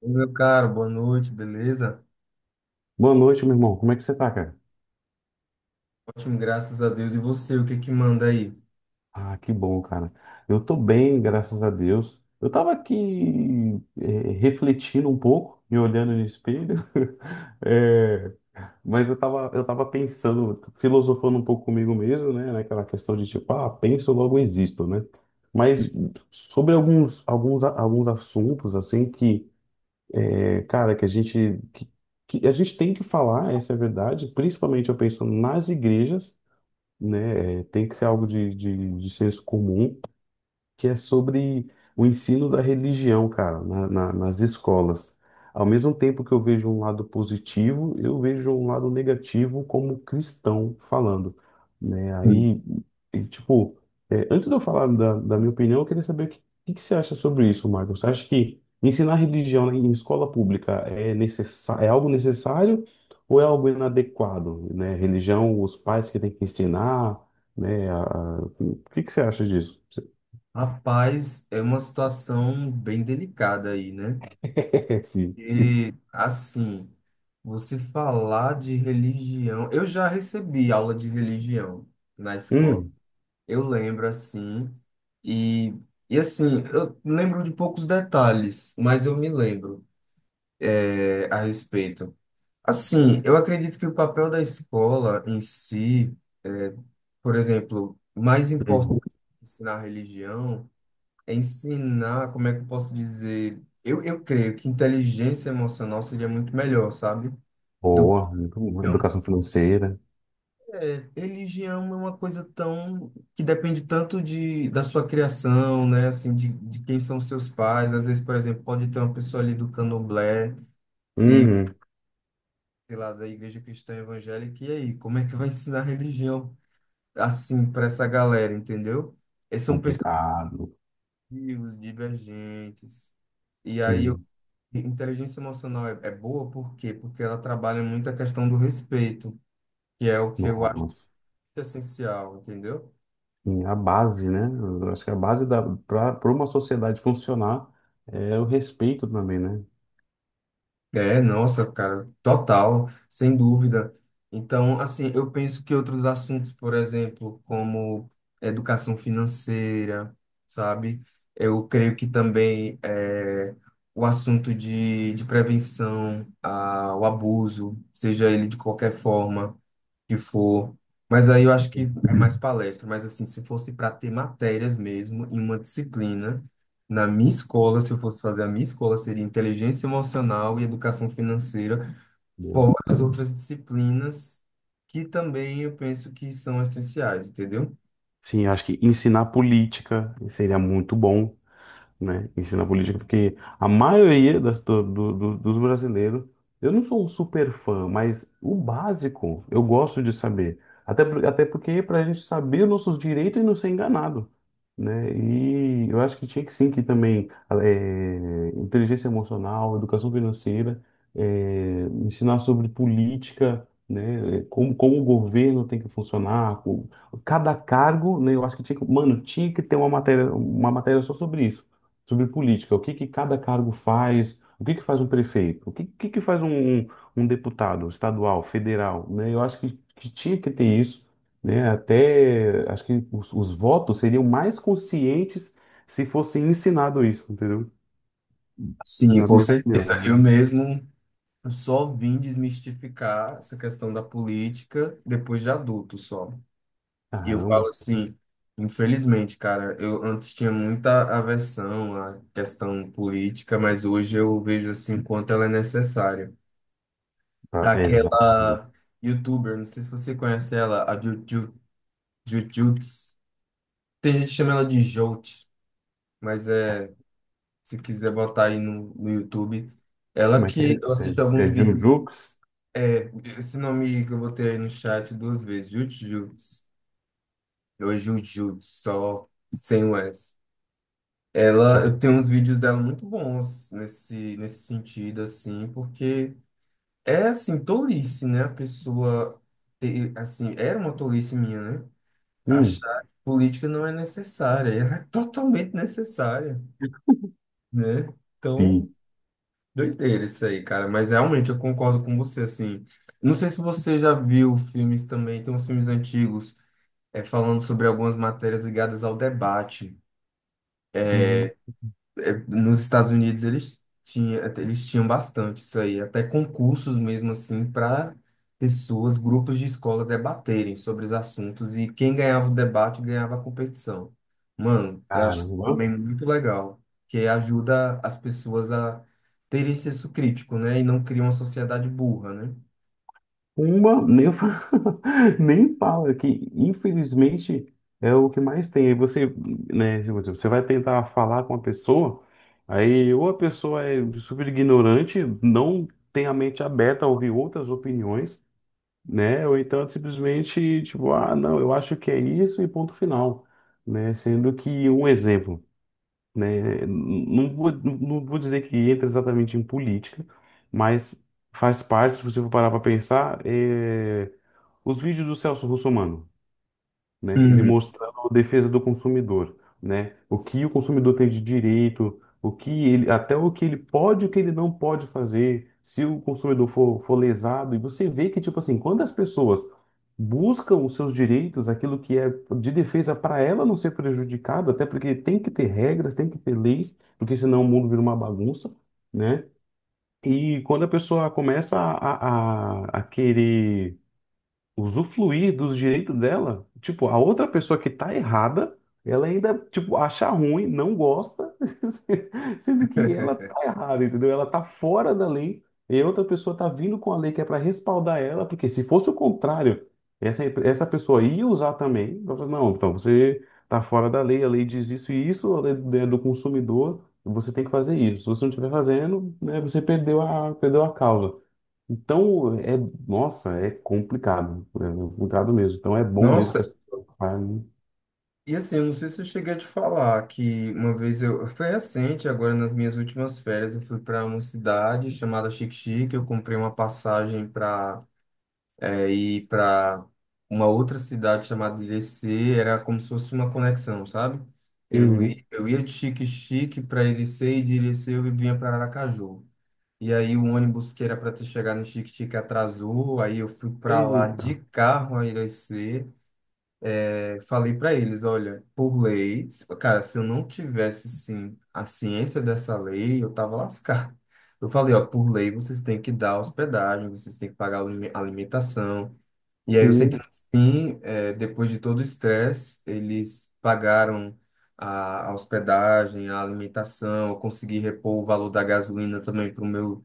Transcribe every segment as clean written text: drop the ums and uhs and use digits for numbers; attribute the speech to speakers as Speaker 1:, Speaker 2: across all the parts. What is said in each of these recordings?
Speaker 1: Ô, meu caro, boa noite, beleza?
Speaker 2: Boa noite, meu irmão. Como é que você tá, cara?
Speaker 1: Ótimo, graças a Deus. E você, o que que manda aí?
Speaker 2: Ah, que bom, cara. Eu tô bem, graças a Deus. Eu tava aqui refletindo um pouco, me olhando no espelho, eh, mas eu tava pensando, filosofando um pouco comigo mesmo, né? Naquela questão de tipo, ah, penso, logo existo, né? Mas sobre alguns assuntos, assim, que, cara, que a gente tem que falar, essa é a verdade, principalmente eu penso nas igrejas, né? É, tem que ser algo de senso comum que é sobre o ensino da religião, cara, nas escolas. Ao mesmo tempo que eu vejo um lado positivo, eu vejo um lado negativo como cristão falando, né?
Speaker 1: Sim.
Speaker 2: Aí, e, tipo, é, antes de eu falar da minha opinião, eu queria saber o que você acha sobre isso, Marcos. Você acha que ensinar religião em escola pública é algo necessário ou é algo inadequado, né? Religião, os pais que têm que ensinar, né? O que que você acha disso?
Speaker 1: Rapaz, é uma situação bem delicada aí, né?
Speaker 2: Sim.
Speaker 1: E assim, você falar de religião, eu já recebi aula de religião na escola.
Speaker 2: Hum,
Speaker 1: Eu lembro assim, e, e assim, eu lembro de poucos detalhes, mas eu me lembro é, a respeito. Assim, eu acredito que o papel da escola em si, é, por exemplo, mais
Speaker 2: hum.
Speaker 1: importante que ensinar religião é ensinar, como é que eu posso dizer? Eu creio que inteligência emocional seria muito melhor, sabe? Do que
Speaker 2: Boa, muito boa.
Speaker 1: religião.
Speaker 2: Educação financeira.
Speaker 1: É, religião é uma coisa tão que depende tanto de, da sua criação, né? Assim, de quem são seus pais. Às vezes, por exemplo, pode ter uma pessoa ali do Candomblé e
Speaker 2: Uhum.
Speaker 1: sei lá, da igreja cristã evangélica, e aí, como é que vai ensinar religião assim para essa galera, entendeu? Eles são
Speaker 2: Complicado.
Speaker 1: pensativos, divergentes. E aí,
Speaker 2: Hum.
Speaker 1: inteligência emocional é boa por quê? Porque ela trabalha muito a questão do respeito, que é o que eu acho
Speaker 2: Nossa.
Speaker 1: essencial, entendeu?
Speaker 2: Sim, a base, né? Eu acho que a base da para uma sociedade funcionar é o respeito também, né?
Speaker 1: É, nossa, cara, total, sem dúvida. Então, assim, eu penso que outros assuntos, por exemplo, como educação financeira, sabe? Eu creio que também é, o assunto de prevenção ao abuso, seja ele de qualquer forma que for. Mas aí eu acho que é mais palestra. Mas assim, se fosse para ter matérias mesmo em uma disciplina, na minha escola, se eu fosse fazer a minha escola, seria inteligência emocional e educação financeira, fora
Speaker 2: Boa.
Speaker 1: as outras disciplinas que também eu penso que são essenciais, entendeu?
Speaker 2: Sim, acho que ensinar política seria muito bom. Né, ensina política, porque a maioria das, dos brasileiros, eu não sou um super fã, mas o básico eu gosto de saber. Até porque para a gente saber os nossos direitos e não ser enganado, né? E eu acho que tinha que sim, que também inteligência emocional, educação financeira, ensinar sobre política, né? Como o governo tem que funcionar, como cada cargo, né? Eu acho que tinha que, mano, tinha que ter uma matéria só sobre isso, sobre política, o que que cada cargo faz, o que que faz um prefeito, o que que, um deputado estadual, federal, né? Eu acho que tinha que ter isso, né? Até acho que os votos seriam mais conscientes se fosse ensinado isso, entendeu?
Speaker 1: Sim,
Speaker 2: Na
Speaker 1: com
Speaker 2: minha
Speaker 1: certeza. Eu
Speaker 2: opinião.
Speaker 1: mesmo só vim desmistificar essa questão da política depois de adulto só. E eu falo
Speaker 2: Caramba,
Speaker 1: assim, infelizmente, cara, eu antes tinha muita aversão à questão política, mas hoje eu vejo assim o quanto ela é necessária.
Speaker 2: tá, é exato.
Speaker 1: Aquela youtuber, não sei se você conhece ela, a Jujuts. Tem gente que chama ela de Jout, mas é, se quiser botar aí no YouTube, ela
Speaker 2: Como é que é?
Speaker 1: que eu assisto
Speaker 2: É,
Speaker 1: alguns
Speaker 2: é
Speaker 1: vídeos,
Speaker 2: Jujux?
Speaker 1: é, esse nome que eu botei aí no chat duas vezes, Jujuts, ou Jujuts, só sem o S. Ela,
Speaker 2: Ju-
Speaker 1: eu tenho uns vídeos dela muito bons nesse sentido, assim, porque é, assim, tolice, né? A pessoa, ter, assim, era uma tolice minha, né?
Speaker 2: Hum,
Speaker 1: Achar que política não é necessária. Ela é totalmente necessária, né? Então,
Speaker 2: sim.
Speaker 1: doideira isso aí, cara. Mas realmente eu concordo com você, assim. Não sei se você já viu filmes também, tem uns filmes antigos, é, falando sobre algumas matérias ligadas ao debate.
Speaker 2: Hum,
Speaker 1: É, nos Estados Unidos eles tinham bastante isso aí, até concursos mesmo assim para pessoas, grupos de escola debaterem sobre os assuntos e quem ganhava o debate ganhava a competição. Mano, eu acho isso
Speaker 2: caramba.
Speaker 1: também muito legal, que ajuda as pessoas a terem senso crítico, né? E não cria uma sociedade burra, né?
Speaker 2: Uma, nem, fa- nem fala, que infelizmente é o que mais tem. Aí você, né, tipo assim, você vai tentar falar com a pessoa, aí ou a pessoa é super ignorante, não tem a mente aberta a ouvir outras opiniões, né? Ou então é simplesmente, tipo, ah, não, eu acho que é isso e ponto final, né? Sendo que um exemplo, né? Não vou, não vou dizer que entra exatamente em política, mas faz parte, se você for parar para pensar, é, os vídeos do Celso Russomano, né? Ele
Speaker 1: Hum.
Speaker 2: mostrando a defesa do consumidor, né? O que o consumidor tem de direito, o que ele, até o que ele pode e o que ele não pode fazer, se o consumidor for lesado. E você vê que, tipo assim, quando as pessoas buscam os seus direitos, aquilo que é de defesa para ela não ser prejudicada, até porque tem que ter regras, tem que ter leis, porque senão o mundo vira uma bagunça, né? E quando a pessoa começa a querer usufruir dos direitos dela. Tipo, a outra pessoa que tá errada, ela ainda, tipo, acha ruim, não gosta, sendo que ela tá errada, entendeu? Ela tá fora da lei e a outra pessoa tá vindo com a lei que é para respaldar ela, porque se fosse o contrário, essa pessoa ia usar também. Então, fala, não, então você tá fora da lei, a lei diz isso e isso, a lei é do consumidor, você tem que fazer isso. Se você não estiver fazendo, né, você perdeu a causa. Então, é, nossa, é complicado mesmo. Então, é bom mesmo que
Speaker 1: Nossa,
Speaker 2: as pessoas falem.
Speaker 1: e assim, eu não sei se eu cheguei a te falar que uma vez eu. Foi recente, agora nas minhas últimas férias, eu fui para uma cidade chamada Xique-Xique. Eu comprei uma passagem para ir para uma outra cidade chamada Irecê. Era como se fosse uma conexão, sabe?
Speaker 2: Uhum.
Speaker 1: Eu ia de Xique-Xique para Irecê e de Irecê eu vinha para Aracaju. E aí o ônibus que era para ter chegado no Xique-Xique atrasou, aí eu fui para lá
Speaker 2: Eita,
Speaker 1: de carro a Irecê. Eu falei para eles, olha, por lei, cara, se eu não tivesse sim a ciência dessa lei, eu tava lascado. Eu falei, ó, por lei vocês têm que dar hospedagem, vocês têm que pagar a alimentação. E aí eu sei que
Speaker 2: sim,
Speaker 1: no fim, depois de todo o estresse, eles pagaram a hospedagem, a alimentação, eu consegui repor o valor da gasolina também pro meu,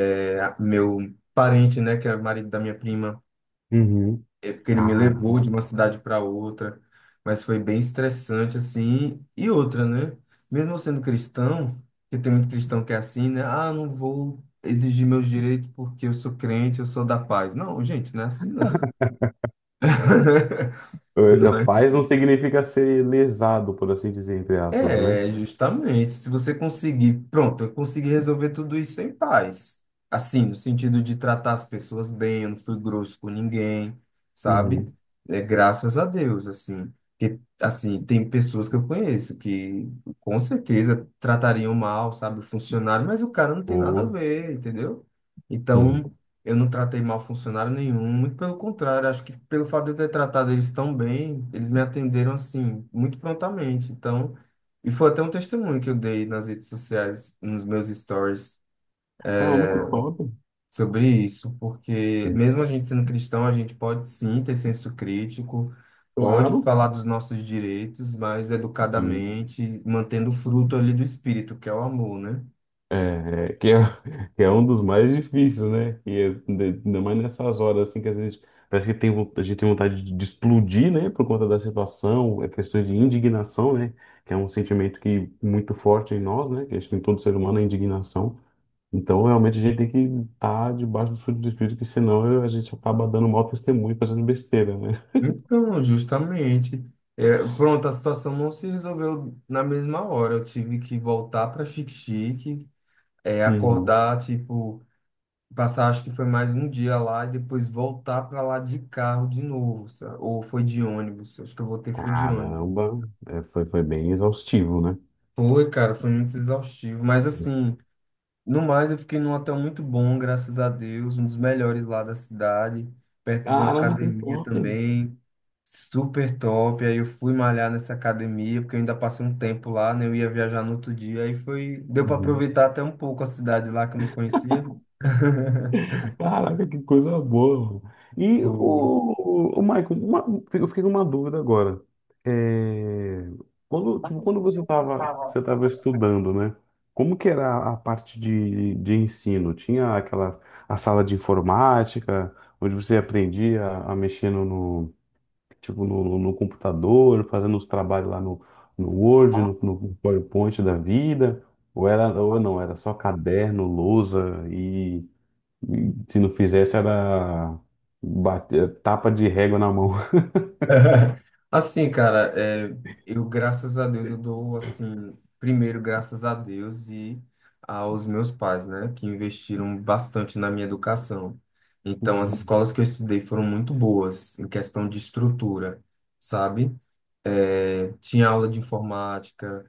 Speaker 1: meu parente, né, que era o marido da minha prima
Speaker 2: uhum.
Speaker 1: é porque ele me
Speaker 2: Caramba.
Speaker 1: levou de uma cidade para outra, mas foi bem estressante assim. E outra, né? Mesmo eu sendo cristão, que tem muito cristão que é assim, né? Ah, não vou exigir meus direitos porque eu sou crente, eu sou da paz. Não, gente, não é assim não. Não
Speaker 2: Eh, paz não significa ser lesado, por assim dizer, entre aspas, né?
Speaker 1: é, justamente. Se você conseguir, pronto, eu consegui resolver tudo isso em paz. Assim, no sentido de tratar as pessoas bem, eu não fui grosso com ninguém, sabe?
Speaker 2: Uhum.
Speaker 1: É, graças a Deus, assim. Porque, assim, tem pessoas que eu conheço que com certeza tratariam mal, sabe, o funcionário, mas o cara não tem nada a
Speaker 2: Oh,
Speaker 1: ver, entendeu?
Speaker 2: sim.
Speaker 1: Então, eu não tratei mal funcionário nenhum, muito pelo contrário, acho que pelo fato de eu ter tratado eles tão bem, eles me atenderam, assim, muito prontamente. Então. E foi até um testemunho que eu dei nas redes sociais, nos meus stories,
Speaker 2: Caramba, que top.
Speaker 1: sobre isso, porque
Speaker 2: Sim.
Speaker 1: mesmo a gente sendo cristão, a gente pode sim ter senso crítico, pode
Speaker 2: Claro.
Speaker 1: falar dos nossos direitos, mas educadamente, mantendo o fruto ali do espírito, que é o amor, né?
Speaker 2: É, que é um dos mais difíceis, né? E é, de- ainda mais nessas horas assim que às vezes parece que tem, vo- a gente tem vontade de explodir, né? Por conta da situação, é questão de indignação, né? Que é um sentimento que muito forte em nós, né? Que acho que em todo ser humano é indignação. Então, realmente, a gente tem que estar debaixo do fruto do Espírito, que senão a gente acaba dando mau testemunho, fazendo besteira, né?
Speaker 1: Então, justamente, é, pronto, a situação não se resolveu na mesma hora. Eu tive que voltar para Xique-Xique, é,
Speaker 2: Uhum.
Speaker 1: acordar, tipo. Passar, acho que foi mais um dia lá e depois voltar para lá de carro de novo, sabe? Ou foi de ônibus, acho que eu voltei foi de ônibus.
Speaker 2: Caramba, é, foi, foi bem exaustivo, né?
Speaker 1: Foi, cara, foi muito exaustivo, mas assim, no mais eu fiquei num hotel muito bom, graças a Deus, um dos melhores lá da cidade, perto de uma
Speaker 2: Caramba, que
Speaker 1: academia
Speaker 2: top!
Speaker 1: também, super top. Aí eu fui malhar nessa academia, porque eu ainda passei um tempo lá, né? Eu ia viajar no outro dia, aí foi, deu para
Speaker 2: Uhum.
Speaker 1: aproveitar até um pouco a cidade lá que eu não conhecia.
Speaker 2: Caraca, que coisa boa, mano. E
Speaker 1: Foi.
Speaker 2: o Michael, uma- eu fiquei com uma dúvida agora. É, quando, tipo, quando você tava estudando, né? Como que era a parte de ensino? Tinha aquela a sala de informática, onde você aprendia a mexer tipo, no computador, fazendo os trabalhos lá no, no Word, no PowerPoint da vida? Ou era, ou não, era só caderno, lousa e se não fizesse, era bate- tapa de régua na mão.
Speaker 1: Assim, cara, é, eu, graças a Deus, eu dou, assim, primeiro, graças a Deus e aos meus pais, né, que investiram bastante na minha educação. Então, as
Speaker 2: Hum,
Speaker 1: escolas que eu estudei foram muito boas em questão de estrutura, sabe? É, tinha aula de informática,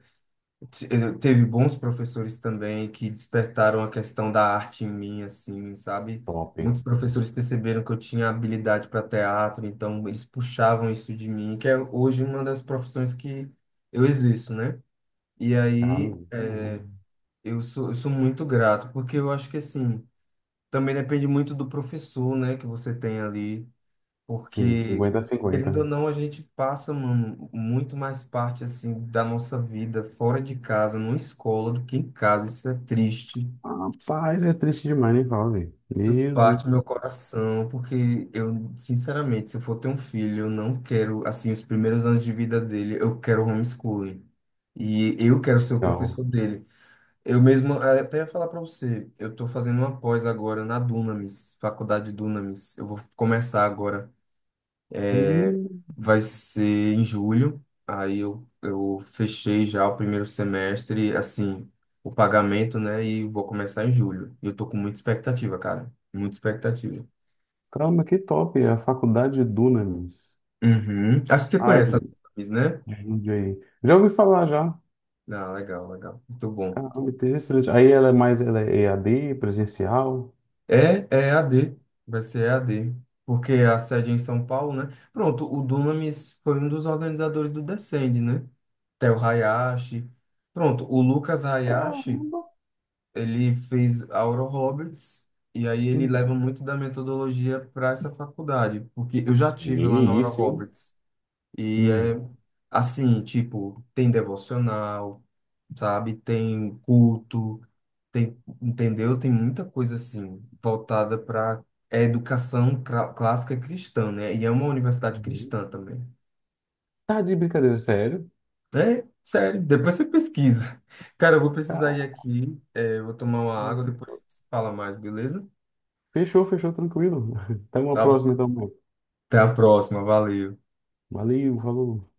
Speaker 1: teve bons professores também que despertaram a questão da arte em mim, assim, sabe?
Speaker 2: top.
Speaker 1: Muitos professores perceberam que eu tinha habilidade para teatro, então eles puxavam isso de mim, que é hoje uma das profissões que eu existo, né? E
Speaker 2: Ah,
Speaker 1: aí
Speaker 2: muito bom.
Speaker 1: eu sou muito grato, porque eu acho que, assim, também depende muito do professor, né, que você tem ali.
Speaker 2: Sim,
Speaker 1: Porque,
Speaker 2: 50 a 50.
Speaker 1: querendo ou não, a gente passa, mano, muito mais parte, assim, da nossa vida fora de casa, numa escola, do que em casa. Isso é triste.
Speaker 2: Rapaz, é triste demais, hein, Paulo?
Speaker 1: Isso
Speaker 2: Meu Deus
Speaker 1: parte do
Speaker 2: do
Speaker 1: meu coração, porque eu, sinceramente, se eu for ter um filho, eu não quero, assim, os primeiros anos de vida dele, eu quero homeschooling. E eu quero ser o
Speaker 2: céu.
Speaker 1: professor dele. Eu mesmo, até ia falar para você, eu tô fazendo uma pós agora na Dunamis, Faculdade Dunamis. Eu vou começar agora.
Speaker 2: Hum,
Speaker 1: Vai ser em julho. Aí eu fechei já o primeiro semestre, assim, o pagamento, né? E vou começar em julho. E eu tô com muita expectativa, cara. Muita expectativa.
Speaker 2: caramba, que top. É a faculdade de Dunamis.
Speaker 1: Uhum. Acho que você
Speaker 2: Ah,
Speaker 1: conhece a Thaís, né?
Speaker 2: de Jundiaí. Já ouvi falar já.
Speaker 1: Ah, legal, legal. Muito bom.
Speaker 2: Caramba, interessante. Aí ela é mais, ela é EAD, presencial.
Speaker 1: É, é AD. Vai ser EAD. Porque a sede é em São Paulo, né? Pronto, o Dunamis foi um dos organizadores do Descende, né? Theo Hayashi. Pronto, o Lucas Hayashi.
Speaker 2: Caramba.
Speaker 1: Ele fez Oral Roberts e aí ele
Speaker 2: Hum,
Speaker 1: leva muito da metodologia para essa faculdade, porque eu já tive lá na
Speaker 2: que
Speaker 1: Oral
Speaker 2: isso, hein?
Speaker 1: Roberts e é
Speaker 2: Hum.
Speaker 1: assim, tipo, tem devocional, sabe? Tem culto, tem, entendeu? Tem muita coisa assim voltada para educação clássica cristã, né? E é uma universidade
Speaker 2: Uhum.
Speaker 1: cristã também.
Speaker 2: Tá de brincadeira, sério?
Speaker 1: É, sério, depois você pesquisa. Cara, eu vou precisar ir aqui, é, eu vou tomar uma água,
Speaker 2: Caramba.
Speaker 1: depois a gente se fala mais, beleza?
Speaker 2: Fechou, fechou, tranquilo. Até uma
Speaker 1: Tá.
Speaker 2: próxima, então, mano.
Speaker 1: Até a próxima, valeu.
Speaker 2: Valeu, falou.